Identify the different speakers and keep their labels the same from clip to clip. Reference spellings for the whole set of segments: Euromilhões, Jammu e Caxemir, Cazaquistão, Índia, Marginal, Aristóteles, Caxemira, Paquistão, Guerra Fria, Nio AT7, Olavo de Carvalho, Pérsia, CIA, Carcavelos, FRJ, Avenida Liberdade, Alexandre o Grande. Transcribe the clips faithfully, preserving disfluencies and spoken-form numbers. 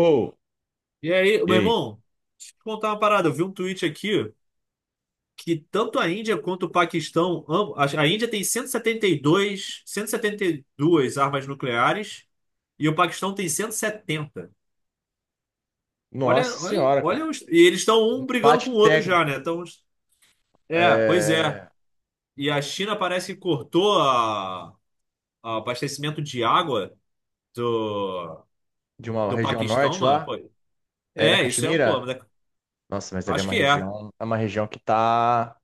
Speaker 1: Ou,
Speaker 2: E aí,
Speaker 1: e
Speaker 2: meu
Speaker 1: aí?
Speaker 2: irmão, deixa eu te contar uma parada. Eu vi um tweet aqui que tanto a Índia quanto o Paquistão, ambos, a a Índia tem cento cento e setenta e dois, cento e setenta setenta dois, e cento e setenta e dois armas nucleares e o Paquistão tem cento e setenta.
Speaker 1: Nossa
Speaker 2: Olha, olha,
Speaker 1: senhora,
Speaker 2: olha
Speaker 1: cara.
Speaker 2: os- e eles estão
Speaker 1: Um
Speaker 2: um brigando com o
Speaker 1: empate
Speaker 2: outro já, né?
Speaker 1: técnico
Speaker 2: Então, é, pois é.
Speaker 1: é,
Speaker 2: E a China parece que cortou a, a abastecimento de água do,
Speaker 1: de uma
Speaker 2: do
Speaker 1: região
Speaker 2: Paquistão,
Speaker 1: norte
Speaker 2: mano.
Speaker 1: lá,
Speaker 2: Pô,
Speaker 1: é da
Speaker 2: é, isso é um
Speaker 1: Caxemira.
Speaker 2: problema, né?
Speaker 1: Nossa, mas ali é
Speaker 2: Acho
Speaker 1: uma
Speaker 2: que é.
Speaker 1: região, é uma região que tá.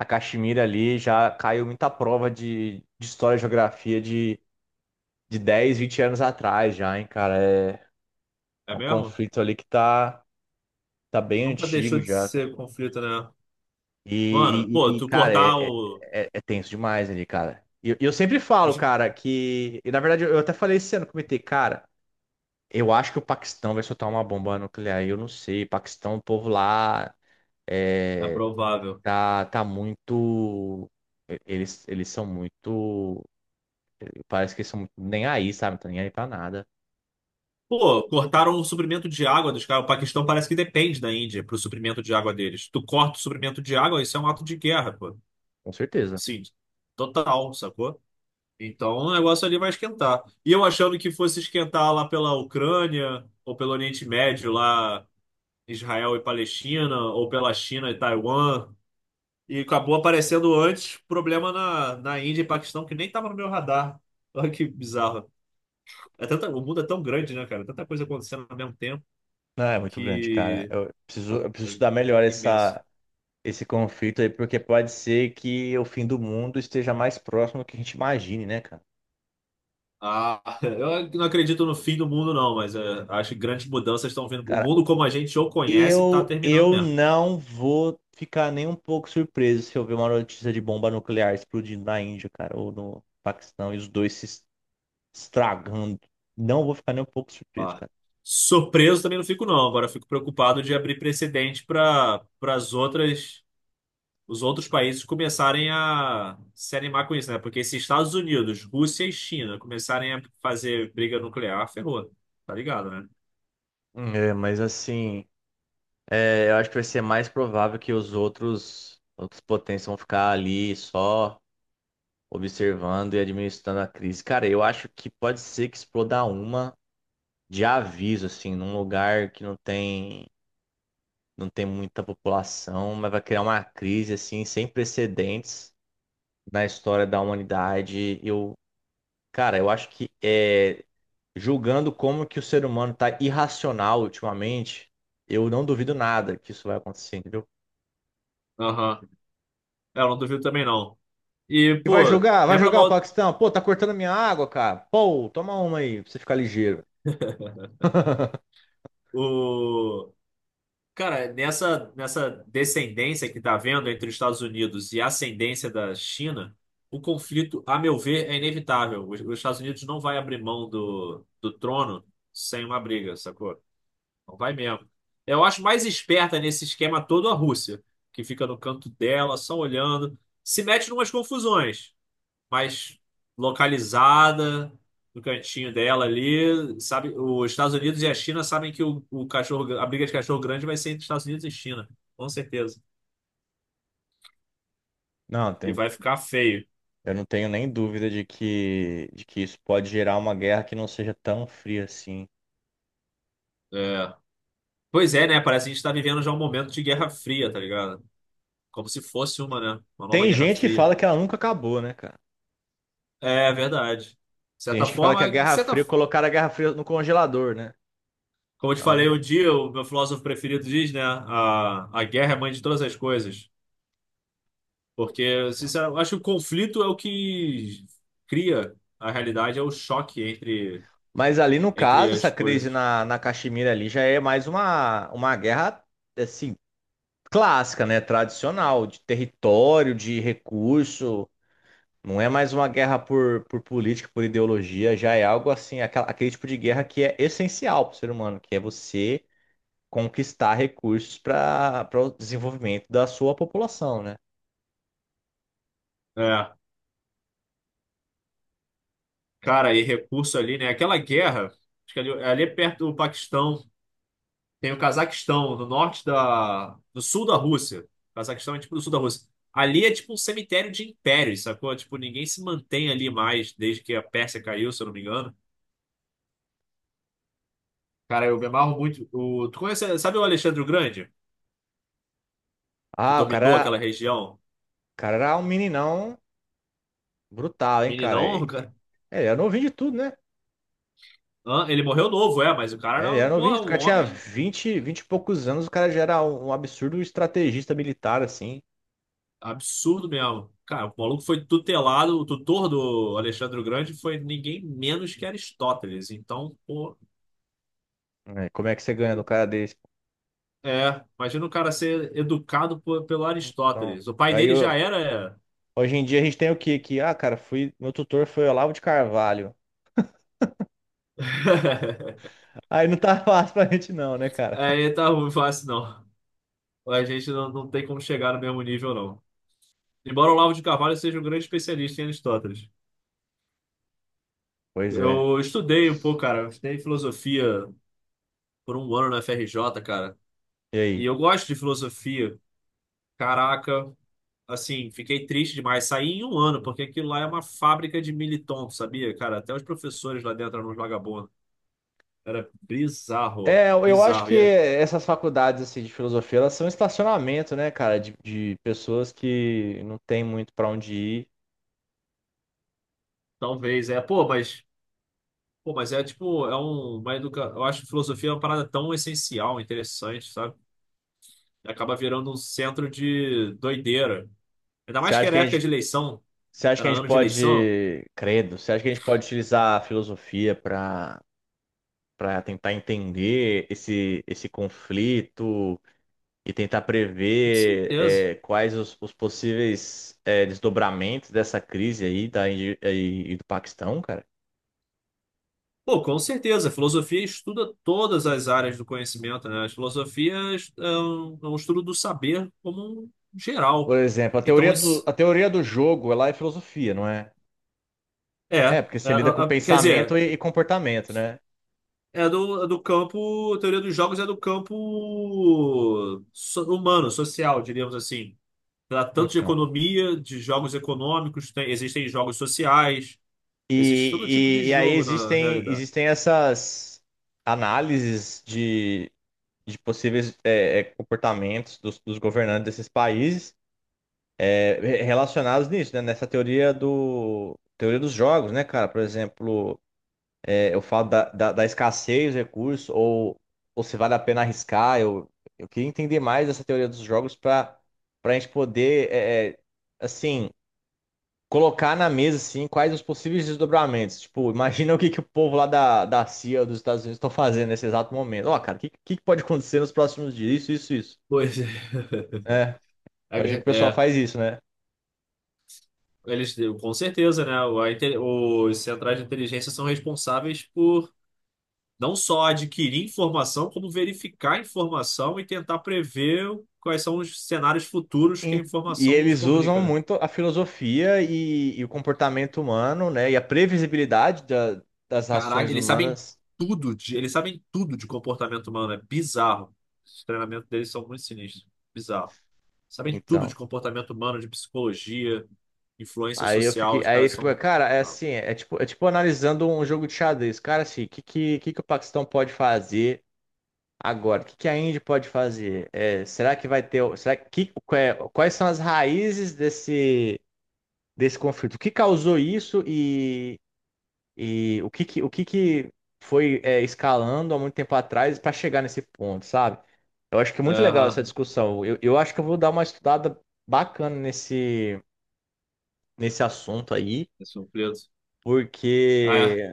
Speaker 1: A Caxemira ali já caiu muita prova de, de história e geografia de, de dez, vinte anos atrás já, hein, cara. É, é
Speaker 2: É
Speaker 1: um
Speaker 2: mesmo?
Speaker 1: conflito ali que tá, tá bem
Speaker 2: Nunca deixou
Speaker 1: antigo
Speaker 2: de
Speaker 1: já, cara.
Speaker 2: ser conflito, né? Mano,
Speaker 1: E, e-
Speaker 2: pô,
Speaker 1: e, e,
Speaker 2: tu
Speaker 1: cara,
Speaker 2: cortar
Speaker 1: é, é,
Speaker 2: o.
Speaker 1: é- é tenso demais ali, cara. E eu, eu sempre falo, cara, que. E na verdade eu até falei esse ano, comentei, cara. Eu acho que o Paquistão vai soltar uma bomba nuclear. Eu não sei. Paquistão, o povo lá
Speaker 2: É
Speaker 1: é,
Speaker 2: provável.
Speaker 1: tá, tá muito. Eles, eles são muito. Parece que eles são muito nem aí, sabe? Não tá nem aí pra nada.
Speaker 2: Pô, cortaram o suprimento de água dos caras. O Paquistão parece que depende da Índia pro suprimento de água deles. Tu corta o suprimento de água, isso é um ato de guerra, pô.
Speaker 1: Com certeza.
Speaker 2: Sim, total, sacou? Então o negócio ali vai esquentar. E eu achando que fosse esquentar lá pela Ucrânia, ou pelo Oriente Médio, lá Israel e Palestina, ou pela China e Taiwan. E acabou aparecendo antes problema na, na Índia e Paquistão, que nem tava no meu radar. Olha que bizarro. É tanta, o mundo é tão grande, né, cara? Tanta coisa acontecendo ao mesmo tempo
Speaker 1: Não, é muito grande, cara.
Speaker 2: que
Speaker 1: Eu preciso, eu
Speaker 2: é
Speaker 1: preciso estudar melhor
Speaker 2: imenso.
Speaker 1: essa, esse conflito aí, porque pode ser que o fim do mundo esteja mais próximo do que a gente imagine, né, cara?
Speaker 2: Ah, eu não acredito no fim do mundo, não, mas é, acho que grandes mudanças estão vindo. O
Speaker 1: Cara,
Speaker 2: mundo como a gente o conhece está
Speaker 1: Eu,
Speaker 2: terminando
Speaker 1: eu
Speaker 2: mesmo.
Speaker 1: não vou ficar nem um pouco surpreso se eu ver uma notícia de bomba nuclear explodindo na Índia, cara, ou no Paquistão, e os dois se es- estragando. Não vou ficar nem um pouco surpreso,
Speaker 2: Ah,
Speaker 1: cara.
Speaker 2: surpreso também não fico, não. Agora eu fico preocupado de abrir precedente para para as outras os outros países começarem a se animar com isso, né? Porque se Estados Unidos, Rússia e China começarem a fazer briga nuclear, ferrou. Tá ligado, né?
Speaker 1: É, mas assim, é, eu acho que vai ser mais provável que os outros, outras potências vão ficar ali só observando e administrando a crise. Cara, eu acho que pode ser que exploda uma de aviso, assim, num lugar que não tem. Não tem muita população, mas vai criar uma crise assim sem precedentes na história da humanidade. Eu, cara, eu acho que é, julgando como que o ser humano tá irracional ultimamente, eu não duvido nada que isso vai acontecer, entendeu?
Speaker 2: Aham. É, eu não duvido também, não. E,
Speaker 1: E vai
Speaker 2: pô,
Speaker 1: jogar, vai
Speaker 2: lembra
Speaker 1: jogar o
Speaker 2: mal
Speaker 1: Paquistão. Pô, tá cortando minha água, cara. Pô, toma uma aí pra você ficar ligeiro.
Speaker 2: o. Cara, nessa, nessa descendência que tá havendo entre os Estados Unidos e a ascendência da China, o conflito, a meu ver, é inevitável. Os, os Estados Unidos não vai abrir mão do, do trono sem uma briga, sacou? Não vai mesmo. Eu acho mais esperta nesse esquema todo a Rússia, que fica no canto dela, só olhando, se mete em umas confusões. Mais localizada no cantinho dela ali. Sabe, os Estados Unidos e a China sabem que o, o cachorro, a briga de cachorro grande vai ser entre Estados Unidos e China, com certeza.
Speaker 1: Não,
Speaker 2: E
Speaker 1: tem-
Speaker 2: vai ficar feio.
Speaker 1: eu não tenho nem dúvida de que, de que isso pode gerar uma guerra que não seja tão fria assim.
Speaker 2: É. Pois é, né? Parece que a gente tá vivendo já um momento de Guerra Fria, tá ligado? Como se fosse uma, né? Uma nova
Speaker 1: Tem
Speaker 2: Guerra
Speaker 1: gente que
Speaker 2: Fria.
Speaker 1: fala que ela nunca acabou, né, cara?
Speaker 2: É verdade. De
Speaker 1: Tem
Speaker 2: certa
Speaker 1: gente que fala que a
Speaker 2: forma, de
Speaker 1: Guerra
Speaker 2: certa...
Speaker 1: Fria, colocaram a Guerra Fria no congelador, né?
Speaker 2: como eu te
Speaker 1: Ela
Speaker 2: falei um
Speaker 1: nunca-
Speaker 2: dia, o meu filósofo preferido diz, né? A, a guerra é mãe de todas as coisas. Porque, sinceramente, acho que o conflito é o que cria a realidade, é o choque entre,
Speaker 1: Mas ali no caso,
Speaker 2: entre
Speaker 1: essa
Speaker 2: as
Speaker 1: crise
Speaker 2: coisas.
Speaker 1: na, na Caxemira ali já é mais uma, uma guerra, assim, clássica, né? Tradicional, de território, de recurso. Não é mais uma guerra por, por política, por ideologia, já é algo assim, aquela- aquele tipo de guerra que é essencial para o ser humano, que é você conquistar recursos para o desenvolvimento da sua população, né?
Speaker 2: É, cara, e recurso ali, né? Aquela guerra, acho que ali, ali é perto do Paquistão, tem o Cazaquistão, no norte da... no sul da Rússia. O Cazaquistão é tipo no sul da Rússia. Ali é tipo um cemitério de impérios, sacou? Tipo, ninguém se mantém ali mais desde que a Pérsia caiu, se eu não me engano. Cara, eu me amarro muito. O... Tu conhece, sabe o Alexandre o Grande, que
Speaker 1: Ah, o
Speaker 2: dominou aquela
Speaker 1: cara,
Speaker 2: região?
Speaker 1: o cara era um meninão brutal, hein, cara? E-
Speaker 2: Meninão,
Speaker 1: e- É, ele era novinho de tudo, né?
Speaker 2: Hã? Ele morreu novo, é, mas o cara
Speaker 1: É, ele
Speaker 2: era,
Speaker 1: era novinho de
Speaker 2: porra,
Speaker 1: tudo. O
Speaker 2: um
Speaker 1: cara tinha
Speaker 2: homem
Speaker 1: vinte vinte e poucos anos, o cara já era um um absurdo estrategista militar, assim.
Speaker 2: absurdo mesmo. Cara, o maluco foi tutelado, o tutor do Alexandre o Grande foi ninguém menos que Aristóteles. Então, pô,
Speaker 1: É, como é que você ganha do cara desse?
Speaker 2: é, imagina o cara ser educado por- pelo
Speaker 1: Então,
Speaker 2: Aristóteles. O pai
Speaker 1: aí
Speaker 2: dele já
Speaker 1: eu-
Speaker 2: era.
Speaker 1: hoje em dia a gente tem o quê? Que, ah, cara, fui, meu tutor foi Olavo de Carvalho. Aí não tá fácil pra gente não, né, cara?
Speaker 2: É, é, tá ruim, fácil não. A gente não, não tem como chegar no mesmo nível, não. Embora o Olavo de Carvalho seja um grande especialista em Aristóteles.
Speaker 1: Pois é.
Speaker 2: Eu estudei um pouco, cara, eu estudei filosofia por um ano na F R J, cara.
Speaker 1: E
Speaker 2: E
Speaker 1: aí?
Speaker 2: eu gosto de filosofia. Caraca, assim, fiquei triste demais. Saí em um ano, porque aquilo lá é uma fábrica de militon, tu sabia, cara? Até os professores lá dentro eram uns vagabundos. Era bizarro,
Speaker 1: É, eu eu acho
Speaker 2: bizarro.
Speaker 1: que
Speaker 2: E é-
Speaker 1: essas faculdades assim, de filosofia, elas são estacionamento, né, cara, de, de pessoas que não tem muito pra onde ir.
Speaker 2: talvez, é, pô, mas, pô, mas é tipo, é um, uma educa... Eu acho que filosofia é uma parada tão essencial, interessante, sabe? E acaba virando um centro de doideira. Ainda
Speaker 1: Você
Speaker 2: mais que
Speaker 1: acha
Speaker 2: era
Speaker 1: que a
Speaker 2: época
Speaker 1: gente,
Speaker 2: de eleição,
Speaker 1: Você acha que
Speaker 2: era
Speaker 1: a gente
Speaker 2: ano de eleição.
Speaker 1: pode, credo, você acha que a gente pode utilizar a filosofia para para tentar entender esse, esse conflito e tentar
Speaker 2: Com
Speaker 1: prever
Speaker 2: certeza.
Speaker 1: é, quais os, os possíveis é, desdobramentos dessa crise aí da Índia e e do Paquistão, cara?
Speaker 2: Pô, com certeza. A filosofia estuda todas as áreas do conhecimento, né? A filosofia é um, é um estudo do saber como um
Speaker 1: Por
Speaker 2: geral.
Speaker 1: exemplo, a
Speaker 2: Então,
Speaker 1: teoria do,
Speaker 2: isso
Speaker 1: a teoria do jogo, ela é filosofia, não é?
Speaker 2: é,
Speaker 1: É,
Speaker 2: é,
Speaker 1: porque
Speaker 2: é,
Speaker 1: você lida com
Speaker 2: é, quer
Speaker 1: pensamento
Speaker 2: dizer,
Speaker 1: e, e comportamento, né?
Speaker 2: é do, é do campo. A teoria dos jogos é do campo so- humano, social, diríamos assim. Trata tanto de
Speaker 1: Então.
Speaker 2: economia, de jogos econômicos, tem- existem jogos sociais, existe todo tipo de
Speaker 1: E, e, e aí
Speaker 2: jogo na
Speaker 1: existem,
Speaker 2: realidade.
Speaker 1: existem essas análises de de possíveis é, é, comportamentos dos, dos governantes desses países é, relacionados nisso, né? Nessa teoria do teoria dos jogos, né, cara? Por exemplo, é, eu falo da, da, da escassez de recursos ou, ou se vale a pena arriscar. Eu, eu queria entender mais essa teoria dos jogos para para a gente poder, é, é, assim, colocar na mesa assim, quais os possíveis desdobramentos. Tipo, imagina o que, que o povo lá da, da C I A dos Estados Unidos estão fazendo nesse exato momento. Ó, cara, o que, que pode acontecer nos próximos dias? Isso, isso, isso.
Speaker 2: Pois é.
Speaker 1: É. Imagino que o pessoal
Speaker 2: É.
Speaker 1: faz isso, né?
Speaker 2: Eles, com certeza, né? o- a inte- Os centrais de inteligência são responsáveis por não só adquirir informação, como verificar a informação e tentar prever quais são os cenários futuros que a
Speaker 1: E, e
Speaker 2: informação nos
Speaker 1: eles usam
Speaker 2: comunica, né?
Speaker 1: muito a filosofia e, e o comportamento humano, né? E a previsibilidade da- das
Speaker 2: Caraca,
Speaker 1: ações
Speaker 2: eles sabem
Speaker 1: humanas.
Speaker 2: tudo de, eles sabem tudo de comportamento humano, é bizarro. Os treinamentos deles são muito sinistros, bizarro. Sabem tudo de
Speaker 1: Então,
Speaker 2: comportamento humano, de psicologia, influência
Speaker 1: aí eu
Speaker 2: social,
Speaker 1: fiquei,
Speaker 2: os
Speaker 1: aí eu
Speaker 2: caras
Speaker 1: fiquei,
Speaker 2: são.
Speaker 1: cara, é assim, é tipo, é tipo analisando um jogo de xadrez. Cara, assim, o que, que, que, que o Paquistão pode fazer agora? O que, que a Índia pode fazer? É, será que vai ter, o- será que, que- quais são as raízes desse, desse conflito? O que causou isso e o que que, o que que foi é, escalando há muito tempo atrás para chegar nesse ponto, sabe? Eu acho que é muito legal essa
Speaker 2: Aham,
Speaker 1: discussão. Eu, eu acho que eu vou dar uma estudada bacana nesse, nesse assunto aí,
Speaker 2: é surpreso.
Speaker 1: porque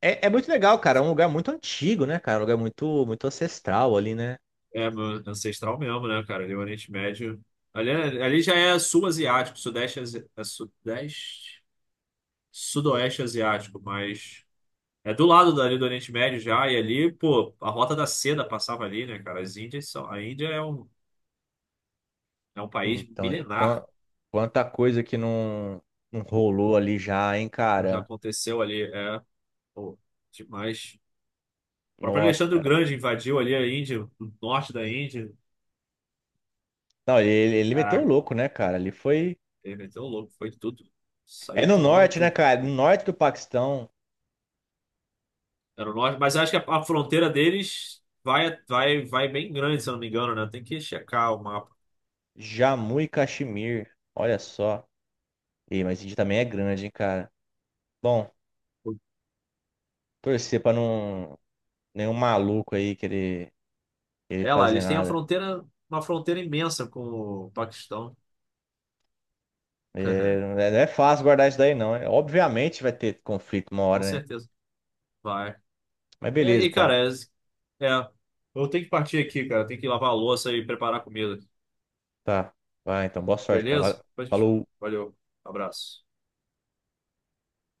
Speaker 1: é, é muito legal, cara. É um lugar muito antigo, né, cara? Um lugar muito, muito ancestral ali, né?
Speaker 2: É, meu ancestral mesmo, né, cara? Ali, é o Oriente Médio. Ali, é- ali já é sul asiático, sudeste, asi- é sudeste, sudoeste asiático, mas é do lado dali do Oriente Médio já. E ali, pô, a Rota da Seda passava ali, né, cara? As Índias são, a Índia é um, é um país
Speaker 1: Então, quan-
Speaker 2: milenar,
Speaker 1: quanta coisa que não, não rolou ali já, hein,
Speaker 2: como já
Speaker 1: cara?
Speaker 2: aconteceu ali. É, pô, demais. O próprio
Speaker 1: Nossa,
Speaker 2: Alexandre o
Speaker 1: cara.
Speaker 2: Grande invadiu ali a Índia, o norte da Índia.
Speaker 1: Não, ele, ele meteu o
Speaker 2: Caraca,
Speaker 1: louco, né, cara? Ele foi.
Speaker 2: ele meteu o louco, foi tudo.
Speaker 1: É
Speaker 2: Saiu
Speaker 1: no
Speaker 2: tomando
Speaker 1: norte, né,
Speaker 2: tudo.
Speaker 1: cara? É no norte do Paquistão.
Speaker 2: Era o norte, mas acho que a, a fronteira deles vai, vai, vai bem grande, se eu não me engano, né? Tem que checar o mapa.
Speaker 1: Jammu e Caxemir. Olha só. Ei, mas Índia também é grande, hein, cara. Bom, torcer pra não nenhum maluco aí querer, querer
Speaker 2: É lá,
Speaker 1: fazer
Speaker 2: eles têm a
Speaker 1: nada.
Speaker 2: fronteira, uma fronteira imensa com o Paquistão.
Speaker 1: É, não é não é fácil guardar isso daí, não. É, obviamente vai ter conflito uma
Speaker 2: Com
Speaker 1: hora, né?
Speaker 2: certeza. Vai.
Speaker 1: Mas
Speaker 2: É
Speaker 1: beleza,
Speaker 2: e cara.
Speaker 1: cara.
Speaker 2: É, é. Eu tenho que partir aqui, cara. Tenho que lavar a louça e preparar a comida.
Speaker 1: Tá. Vai, então, boa sorte, cara. Valeu.
Speaker 2: Beleza? Pois-
Speaker 1: Falou.
Speaker 2: Valeu. Abraço.